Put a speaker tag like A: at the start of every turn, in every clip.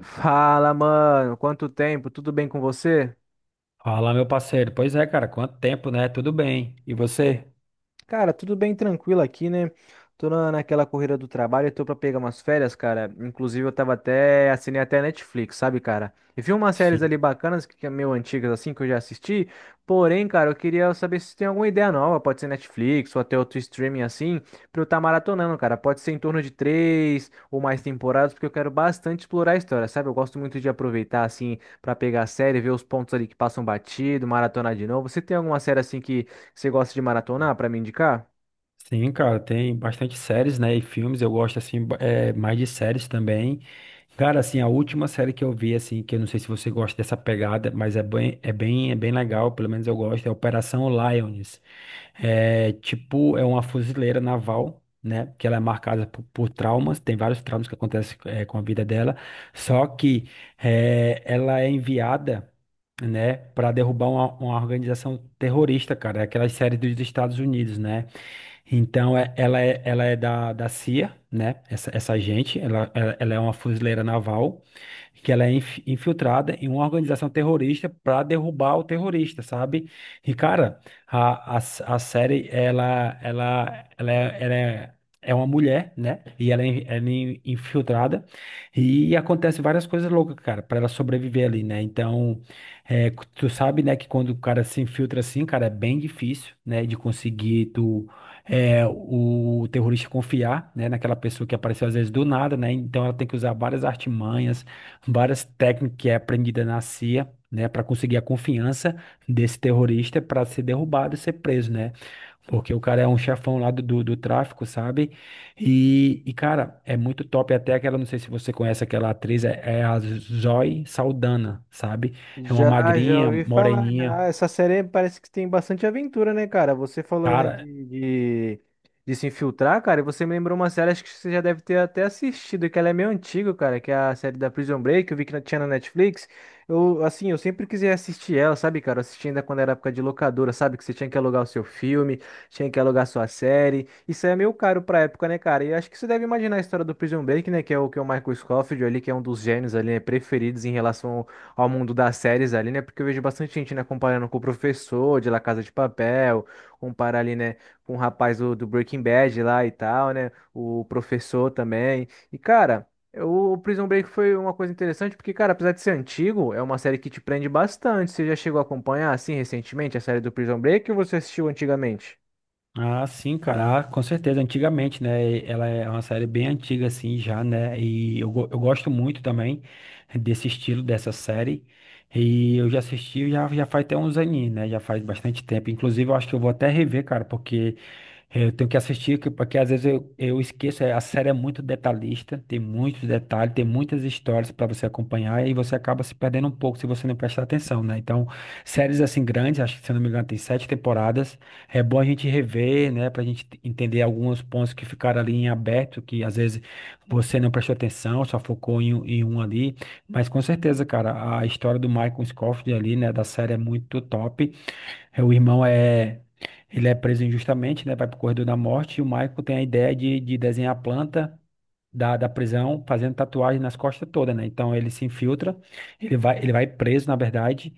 A: Fala, mano. Quanto tempo? Tudo bem com você?
B: Fala, meu parceiro. Pois é, cara, quanto tempo, né? Tudo bem. E você?
A: Cara, tudo bem tranquilo aqui, né? Tô na, naquela corrida do trabalho, tô pra pegar umas férias, cara. Inclusive, eu tava até, assinei até a Netflix, sabe, cara? E vi umas séries ali
B: Sim.
A: bacanas, que é meio antigas, assim, que eu já assisti. Porém, cara, eu queria saber se tem alguma ideia nova, pode ser Netflix ou até outro streaming assim, pra eu estar maratonando, cara. Pode ser em torno de três ou mais temporadas, porque eu quero bastante explorar a história, sabe? Eu gosto muito de aproveitar, assim, pra pegar a série, ver os pontos ali que passam batido, maratonar de novo. Você tem alguma série, assim, que você gosta de maratonar para me indicar?
B: Sim, cara, tem bastante séries, né? E filmes, eu gosto, assim, mais de séries também. Cara, assim, a última série que eu vi, assim, que eu não sei se você gosta dessa pegada, mas é bem legal, pelo menos eu gosto, é Operação Lioness. É tipo, é uma fuzileira naval, né? Que ela é marcada por traumas, tem vários traumas que acontecem com a vida dela. Só que ela é enviada, né, para derrubar uma organização terrorista, cara. É aquela série dos Estados Unidos, né? Então, ela é da CIA, né? Essa gente, ela é uma fuzileira naval que ela é infiltrada em uma organização terrorista para derrubar o terrorista, sabe? E, cara, a, a, a série, ela é uma mulher, né? E ela é infiltrada e acontece várias coisas loucas, cara, para ela sobreviver ali, né? Então, é, tu sabe, né, que quando o cara se infiltra assim, cara, é bem difícil, né, de conseguir o terrorista confiar, né, naquela pessoa que apareceu às vezes do nada, né? Então ela tem que usar várias artimanhas, várias técnicas que é aprendida na CIA, né, para conseguir a confiança desse terrorista para ser derrubado e ser preso, né? Porque o cara é um chefão lá do tráfico, sabe? E, cara, é muito top. Até aquela, não sei se você conhece aquela atriz, é a Zoe Saldana, sabe? É uma
A: Já, já
B: magrinha,
A: ouvi falar,
B: moreninha.
A: já. Essa série parece que tem bastante aventura, né, cara? Você falou aí, né,
B: Cara.
A: de se infiltrar, cara, e você me lembrou uma série, acho que você já deve ter até assistido, que ela é meio antiga, cara, que é a série da Prison Break, eu vi que tinha na Netflix. Eu, assim, eu sempre quis assistir ela, sabe, cara? Eu assisti ainda quando era época de locadora, sabe? Que você tinha que alugar o seu filme, tinha que alugar a sua série. Isso é meio caro pra época, né, cara? E acho que você deve imaginar a história do Prison Break, né, que é o Michael Scofield ali, que é um dos gênios ali, né, preferidos em relação ao mundo das séries ali, né? Porque eu vejo bastante gente, né, comparando com o professor de La Casa de Papel, comparar ali, né, com o rapaz do Breaking Bad lá e tal, né? O professor também. E, cara. O Prison Break foi uma coisa interessante porque, cara, apesar de ser antigo, é uma série que te prende bastante. Você já chegou a acompanhar, assim, recentemente, a série do Prison Break ou você assistiu antigamente?
B: Ah, sim, cara, com certeza. Antigamente, né? Ela é uma série bem antiga, assim, já, né? E eu gosto muito também desse estilo dessa série. E eu já assisti já, já faz até uns aninhos, né? Já faz bastante tempo. Inclusive, eu acho que eu vou até rever, cara, porque eu tenho que assistir, porque às vezes eu esqueço. A série é muito detalhista, tem muitos detalhes, tem muitas histórias para você acompanhar e você acaba se perdendo um pouco se você não prestar atenção, né? Então, séries assim grandes, acho que se eu não me engano, tem sete temporadas. É bom a gente rever, né, para a gente entender alguns pontos que ficaram ali em aberto, que às vezes você não prestou atenção, só focou em um ali. Mas com certeza, cara, a história do Michael Scofield ali, né, da série é muito top. O irmão é. Ele é preso injustamente, né, vai pro corredor da morte, e o Michael tem a ideia de desenhar a planta. Da prisão, fazendo tatuagem nas costas toda, né? Então ele se infiltra, ele vai preso, na verdade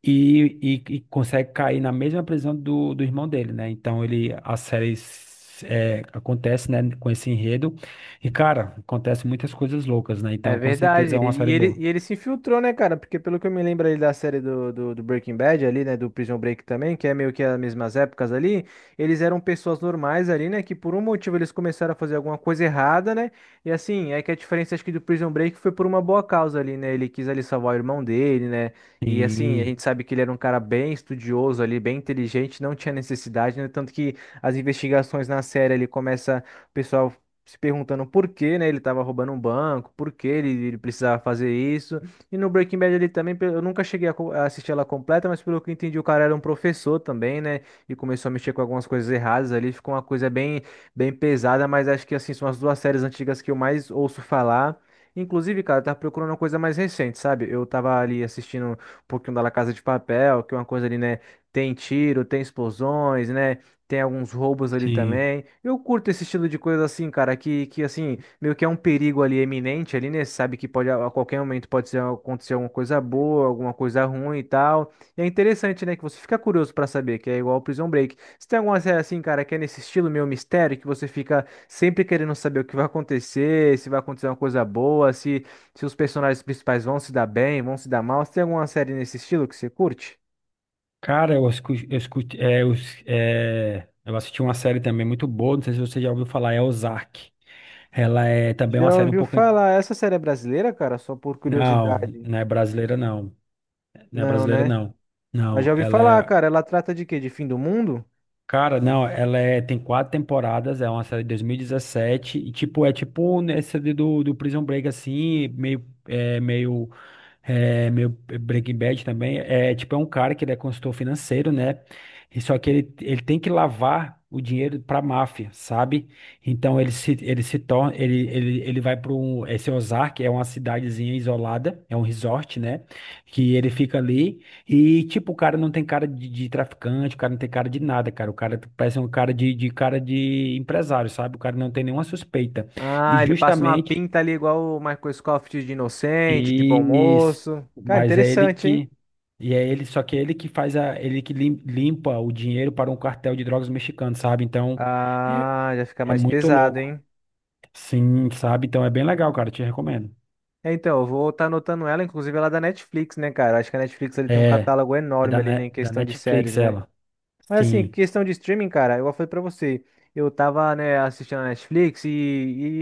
B: e, e consegue cair na mesma prisão do irmão dele, né? Então ele a série acontece, né, com esse enredo. E cara, acontece muitas coisas loucas, né?
A: É
B: Então com certeza
A: verdade.
B: é uma
A: Ele- E
B: série
A: ele,
B: boa.
A: e ele se infiltrou, né, cara? Porque pelo que eu me lembro ali da série do Breaking Bad ali, né? Do Prison Break também, que é meio que as mesmas épocas ali. Eles eram pessoas normais ali, né? Que por um motivo eles começaram a fazer alguma coisa errada, né? E assim, é que a diferença acho que do Prison Break foi por uma boa causa ali, né? Ele quis ali salvar o irmão dele, né? E assim, a
B: Sim,
A: gente sabe que ele era um cara bem estudioso ali, bem inteligente, não tinha necessidade, né? Tanto que as investigações na série ali começa o pessoal se perguntando por que, né, ele estava roubando um banco, por que ele precisava fazer isso. E no Breaking Bad ele também, eu nunca cheguei a, a assistir ela completa, mas pelo que eu entendi, o cara era um professor também, né, e começou a mexer com algumas coisas erradas ali, ficou uma coisa bem, bem pesada, mas acho que, assim, são as duas séries antigas que eu mais ouço falar. Inclusive, cara, eu tava procurando uma coisa mais recente, sabe? Eu tava ali assistindo um pouquinho da La Casa de Papel, que é uma coisa ali, né? Tem tiro, tem explosões, né? Tem alguns roubos ali
B: sim.
A: também. Eu curto esse estilo de coisa assim, cara, que assim, meio que é um perigo ali eminente ali, né? Você sabe que pode a qualquer momento acontecer alguma coisa boa, alguma coisa ruim e tal. E é interessante, né, que você fica curioso pra saber, que é igual ao Prison Break. Você tem alguma série assim, cara, que é nesse estilo meio mistério, que você fica sempre querendo saber o que vai acontecer, se vai acontecer uma coisa boa, se os personagens principais vão se dar bem, vão se dar mal. Você tem alguma série nesse estilo que você curte?
B: Cara, eu escutei, eu escu- é, eu s- é, eu assisti uma série também muito boa, não sei se você já ouviu falar, é Ozark. Ela é também uma
A: Já
B: série um
A: ouviu
B: pouco an-.
A: falar? Essa série é brasileira, cara? Só por
B: Não,
A: curiosidade.
B: não é brasileira não. Não é
A: Não,
B: brasileira
A: né?
B: não.
A: Mas
B: Não,
A: já ouvi
B: ela
A: falar,
B: é.
A: cara. Ela trata de quê? De fim do mundo?
B: Cara, não, ela é, tem quatro temporadas, é uma série de 2017, e dezessete, é tipo nessa do Prison Break, assim, meio, meu Breaking Bad também é tipo um cara que ele é consultor financeiro, né? E só que ele tem que lavar o dinheiro para máfia, sabe? Então ele se torna ele ele, ele vai para esse Ozark é uma cidadezinha isolada, é um resort, né? Que ele fica ali e tipo o cara não tem cara de traficante, o cara não tem cara de nada, cara. O cara parece um cara de cara de empresário, sabe? O cara não tem nenhuma suspeita. E
A: Ah, ele passa uma
B: justamente,
A: pinta ali igual o Michael Scofield de inocente, de bom
B: e
A: moço. Cara,
B: mas é ele
A: interessante, hein?
B: que e é ele, só que é ele que faz, a ele que limpa o dinheiro para um cartel de drogas mexicano, sabe? Então é,
A: Ah, já fica
B: é
A: mais
B: muito
A: pesado,
B: louco.
A: hein?
B: Sim, sabe? Então é bem legal, cara, te recomendo.
A: É, então, eu vou estar anotando ela, inclusive ela é da Netflix, né, cara? Acho que a Netflix ele tem um
B: É,
A: catálogo
B: é
A: enorme
B: da,
A: ali né,
B: Ne-
A: em
B: da
A: questão de séries,
B: Netflix
A: né?
B: ela.
A: Mas assim,
B: Sim,
A: questão de streaming, cara, eu falei pra você, eu tava, né, assistindo a Netflix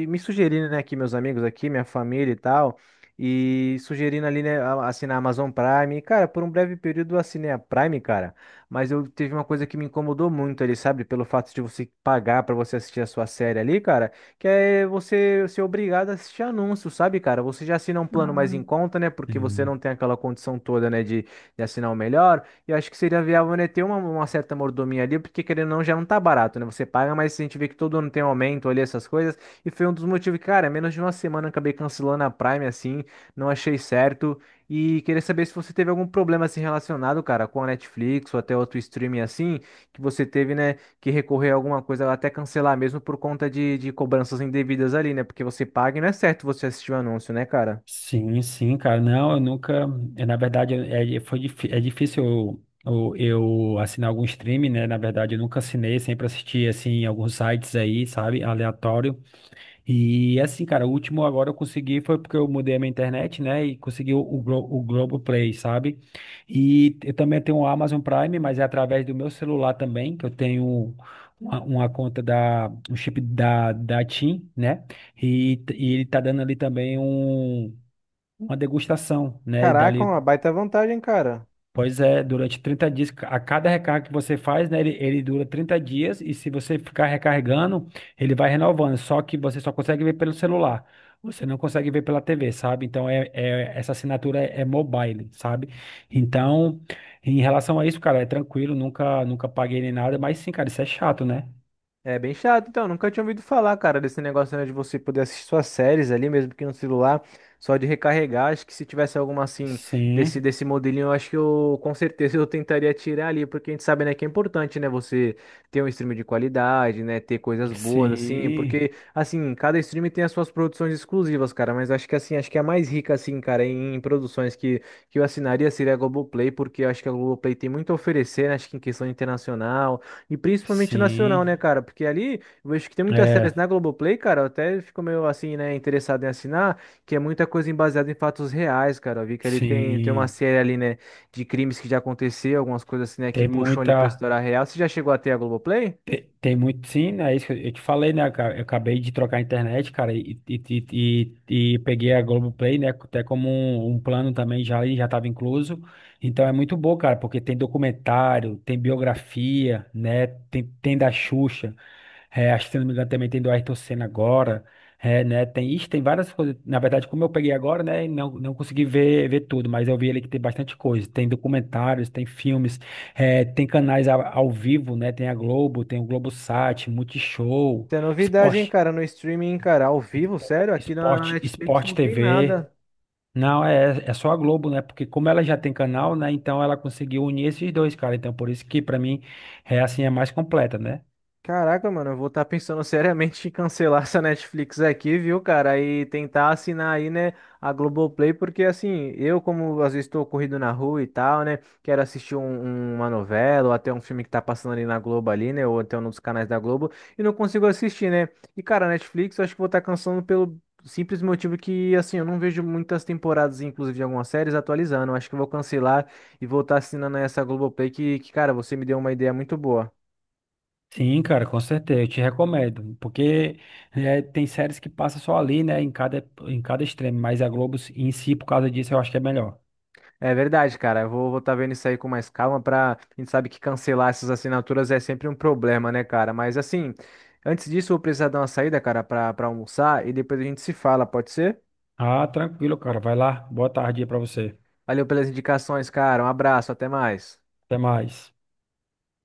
A: e me sugerindo, né, aqui meus amigos aqui, minha família e tal, e sugerindo ali, né, assinar a Amazon Prime. E, cara, por um breve período eu assinei a Prime, cara, mas eu teve uma coisa que me incomodou muito ali, sabe? Pelo fato de você pagar pra você assistir a sua série ali, cara, que é você ser obrigado a assistir anúncio, sabe, cara? Você já assina um plano mais em conta, né, porque você não
B: sim,
A: tem aquela condição toda, né, de assinar o melhor. Eu acho que seria viável, né, ter uma certa mordomia ali, porque querendo ou não, já não tá barato, né? Você paga, mas a gente vê que todo ano tem um aumento ali, essas coisas. E foi um dos motivos, que, cara, menos de uma semana eu acabei cancelando a Prime, assim, não achei certo. E queria saber se você teve algum problema, assim, relacionado, cara, com a Netflix ou até outro streaming, assim, que você teve, né, que recorrer a alguma coisa, até cancelar mesmo por conta de cobranças indevidas ali, né? Porque você paga e não é certo você assistir o anúncio, né, cara?
B: sim, sim, cara. Não, eu nunca. Na verdade, é difícil eu, eu, eu assinar algum streaming, né? Na verdade, eu nunca assinei, sempre assisti assim, em alguns sites aí, sabe? Aleatório. E assim, cara, o último agora eu consegui foi porque eu mudei a minha internet, né? E consegui o Globoplay, sabe? E eu também tenho o Amazon Prime, mas é através do meu celular também, que eu tenho uma conta um chip da TIM, né? E, e ele tá dando ali também uma degustação, né?
A: Caraca,
B: Dali.
A: uma baita vantagem, cara.
B: Pois é, durante 30 dias, a cada recarga que você faz, né, ele dura 30 dias e se você ficar recarregando, ele vai renovando, só que você só consegue ver pelo celular, você não consegue ver pela TV, sabe? Então, essa assinatura é mobile, sabe? Então, em relação a isso, cara, é tranquilo, nunca paguei nem nada, mas sim, cara, isso é chato, né?
A: É bem chato, então. Nunca tinha ouvido falar, cara, desse negócio, né, de você poder assistir suas séries ali, mesmo que no celular, só de recarregar. Acho que se tivesse alguma assim,
B: Sim,
A: desse modelinho, eu acho que eu, com certeza, eu tentaria tirar ali, porque a gente sabe, né, que é importante, né, você ter um stream de qualidade, né, ter coisas boas, assim,
B: sim,
A: porque, assim, cada stream tem as suas produções exclusivas, cara, mas acho que, assim, acho que a mais rica, assim, cara, em, produções que eu assinaria seria a Globoplay, porque eu acho que a Globoplay tem muito a oferecer, né, acho que em questão internacional. E principalmente nacional,
B: sim,
A: né, cara? Porque ali, eu vejo que tem muitas séries
B: é,
A: na Globoplay, cara, eu até fico meio assim, né, interessado em assinar, que é muita coisa baseada em fatos reais, cara. Eu vi que ele tem, tem uma
B: sim,
A: série ali, né, de crimes que já aconteceu, algumas coisas assim, né, que
B: tem
A: puxam ali pra
B: muita...
A: história real. Você já chegou até a Globoplay?
B: Tem muito, sim, né? É isso que eu te falei, né, cara? Eu acabei de trocar a internet, cara, e peguei a Globoplay, né? Até como um plano também já ali, já estava incluso. Então é muito bom, cara, porque tem documentário, tem biografia, né? Tem da Xuxa, acho que se não me engano também tem do Ayrton Senna agora, né? Tem, ixi, tem várias coisas. Na verdade, como eu peguei agora, né? Não, não consegui ver tudo, mas eu vi ali que tem bastante coisa. Tem documentários, tem filmes. Tem canais ao vivo, né? Tem a Globo, tem o Globosat, Multishow,
A: Isso é novidade, hein,
B: Esporte,
A: cara, no streaming, cara, ao vivo, sério, aqui na Netflix
B: Esporte
A: não tem
B: TV.
A: nada.
B: Não, é só a Globo, né? Porque como ela já tem canal, né? Então ela conseguiu unir esses dois, cara. Então por isso que pra mim é assim, é mais completa, né?
A: Caraca, mano, eu vou estar pensando seriamente em cancelar essa Netflix aqui, viu, cara? E tentar assinar aí, né, a Globoplay, porque assim, eu, como às vezes estou corrido na rua e tal, né, quero assistir uma novela ou até um filme que tá passando ali na Globo ali, né, ou até um dos canais da Globo, e não consigo assistir, né? E, cara, a Netflix eu acho que vou estar cancelando pelo simples motivo que, assim, eu não vejo muitas temporadas, inclusive de algumas séries, atualizando. Eu acho que eu vou cancelar e vou estar assinando essa Globoplay cara, você me deu uma ideia muito boa.
B: Sim, cara, com certeza, eu te recomendo, porque tem séries que passa só ali, né, em cada extremo, mas a Globo em si, por causa disso, eu acho que é melhor.
A: É verdade, cara. Eu vou estar vendo isso aí com mais calma pra. A gente sabe que cancelar essas assinaturas é sempre um problema, né, cara? Mas assim, antes disso, eu vou precisar dar uma saída, cara, pra almoçar e depois a gente se fala, pode ser?
B: Ah, tranquilo, cara, vai lá, boa tarde aí pra você,
A: Valeu pelas indicações, cara. Um abraço, até mais.
B: até mais.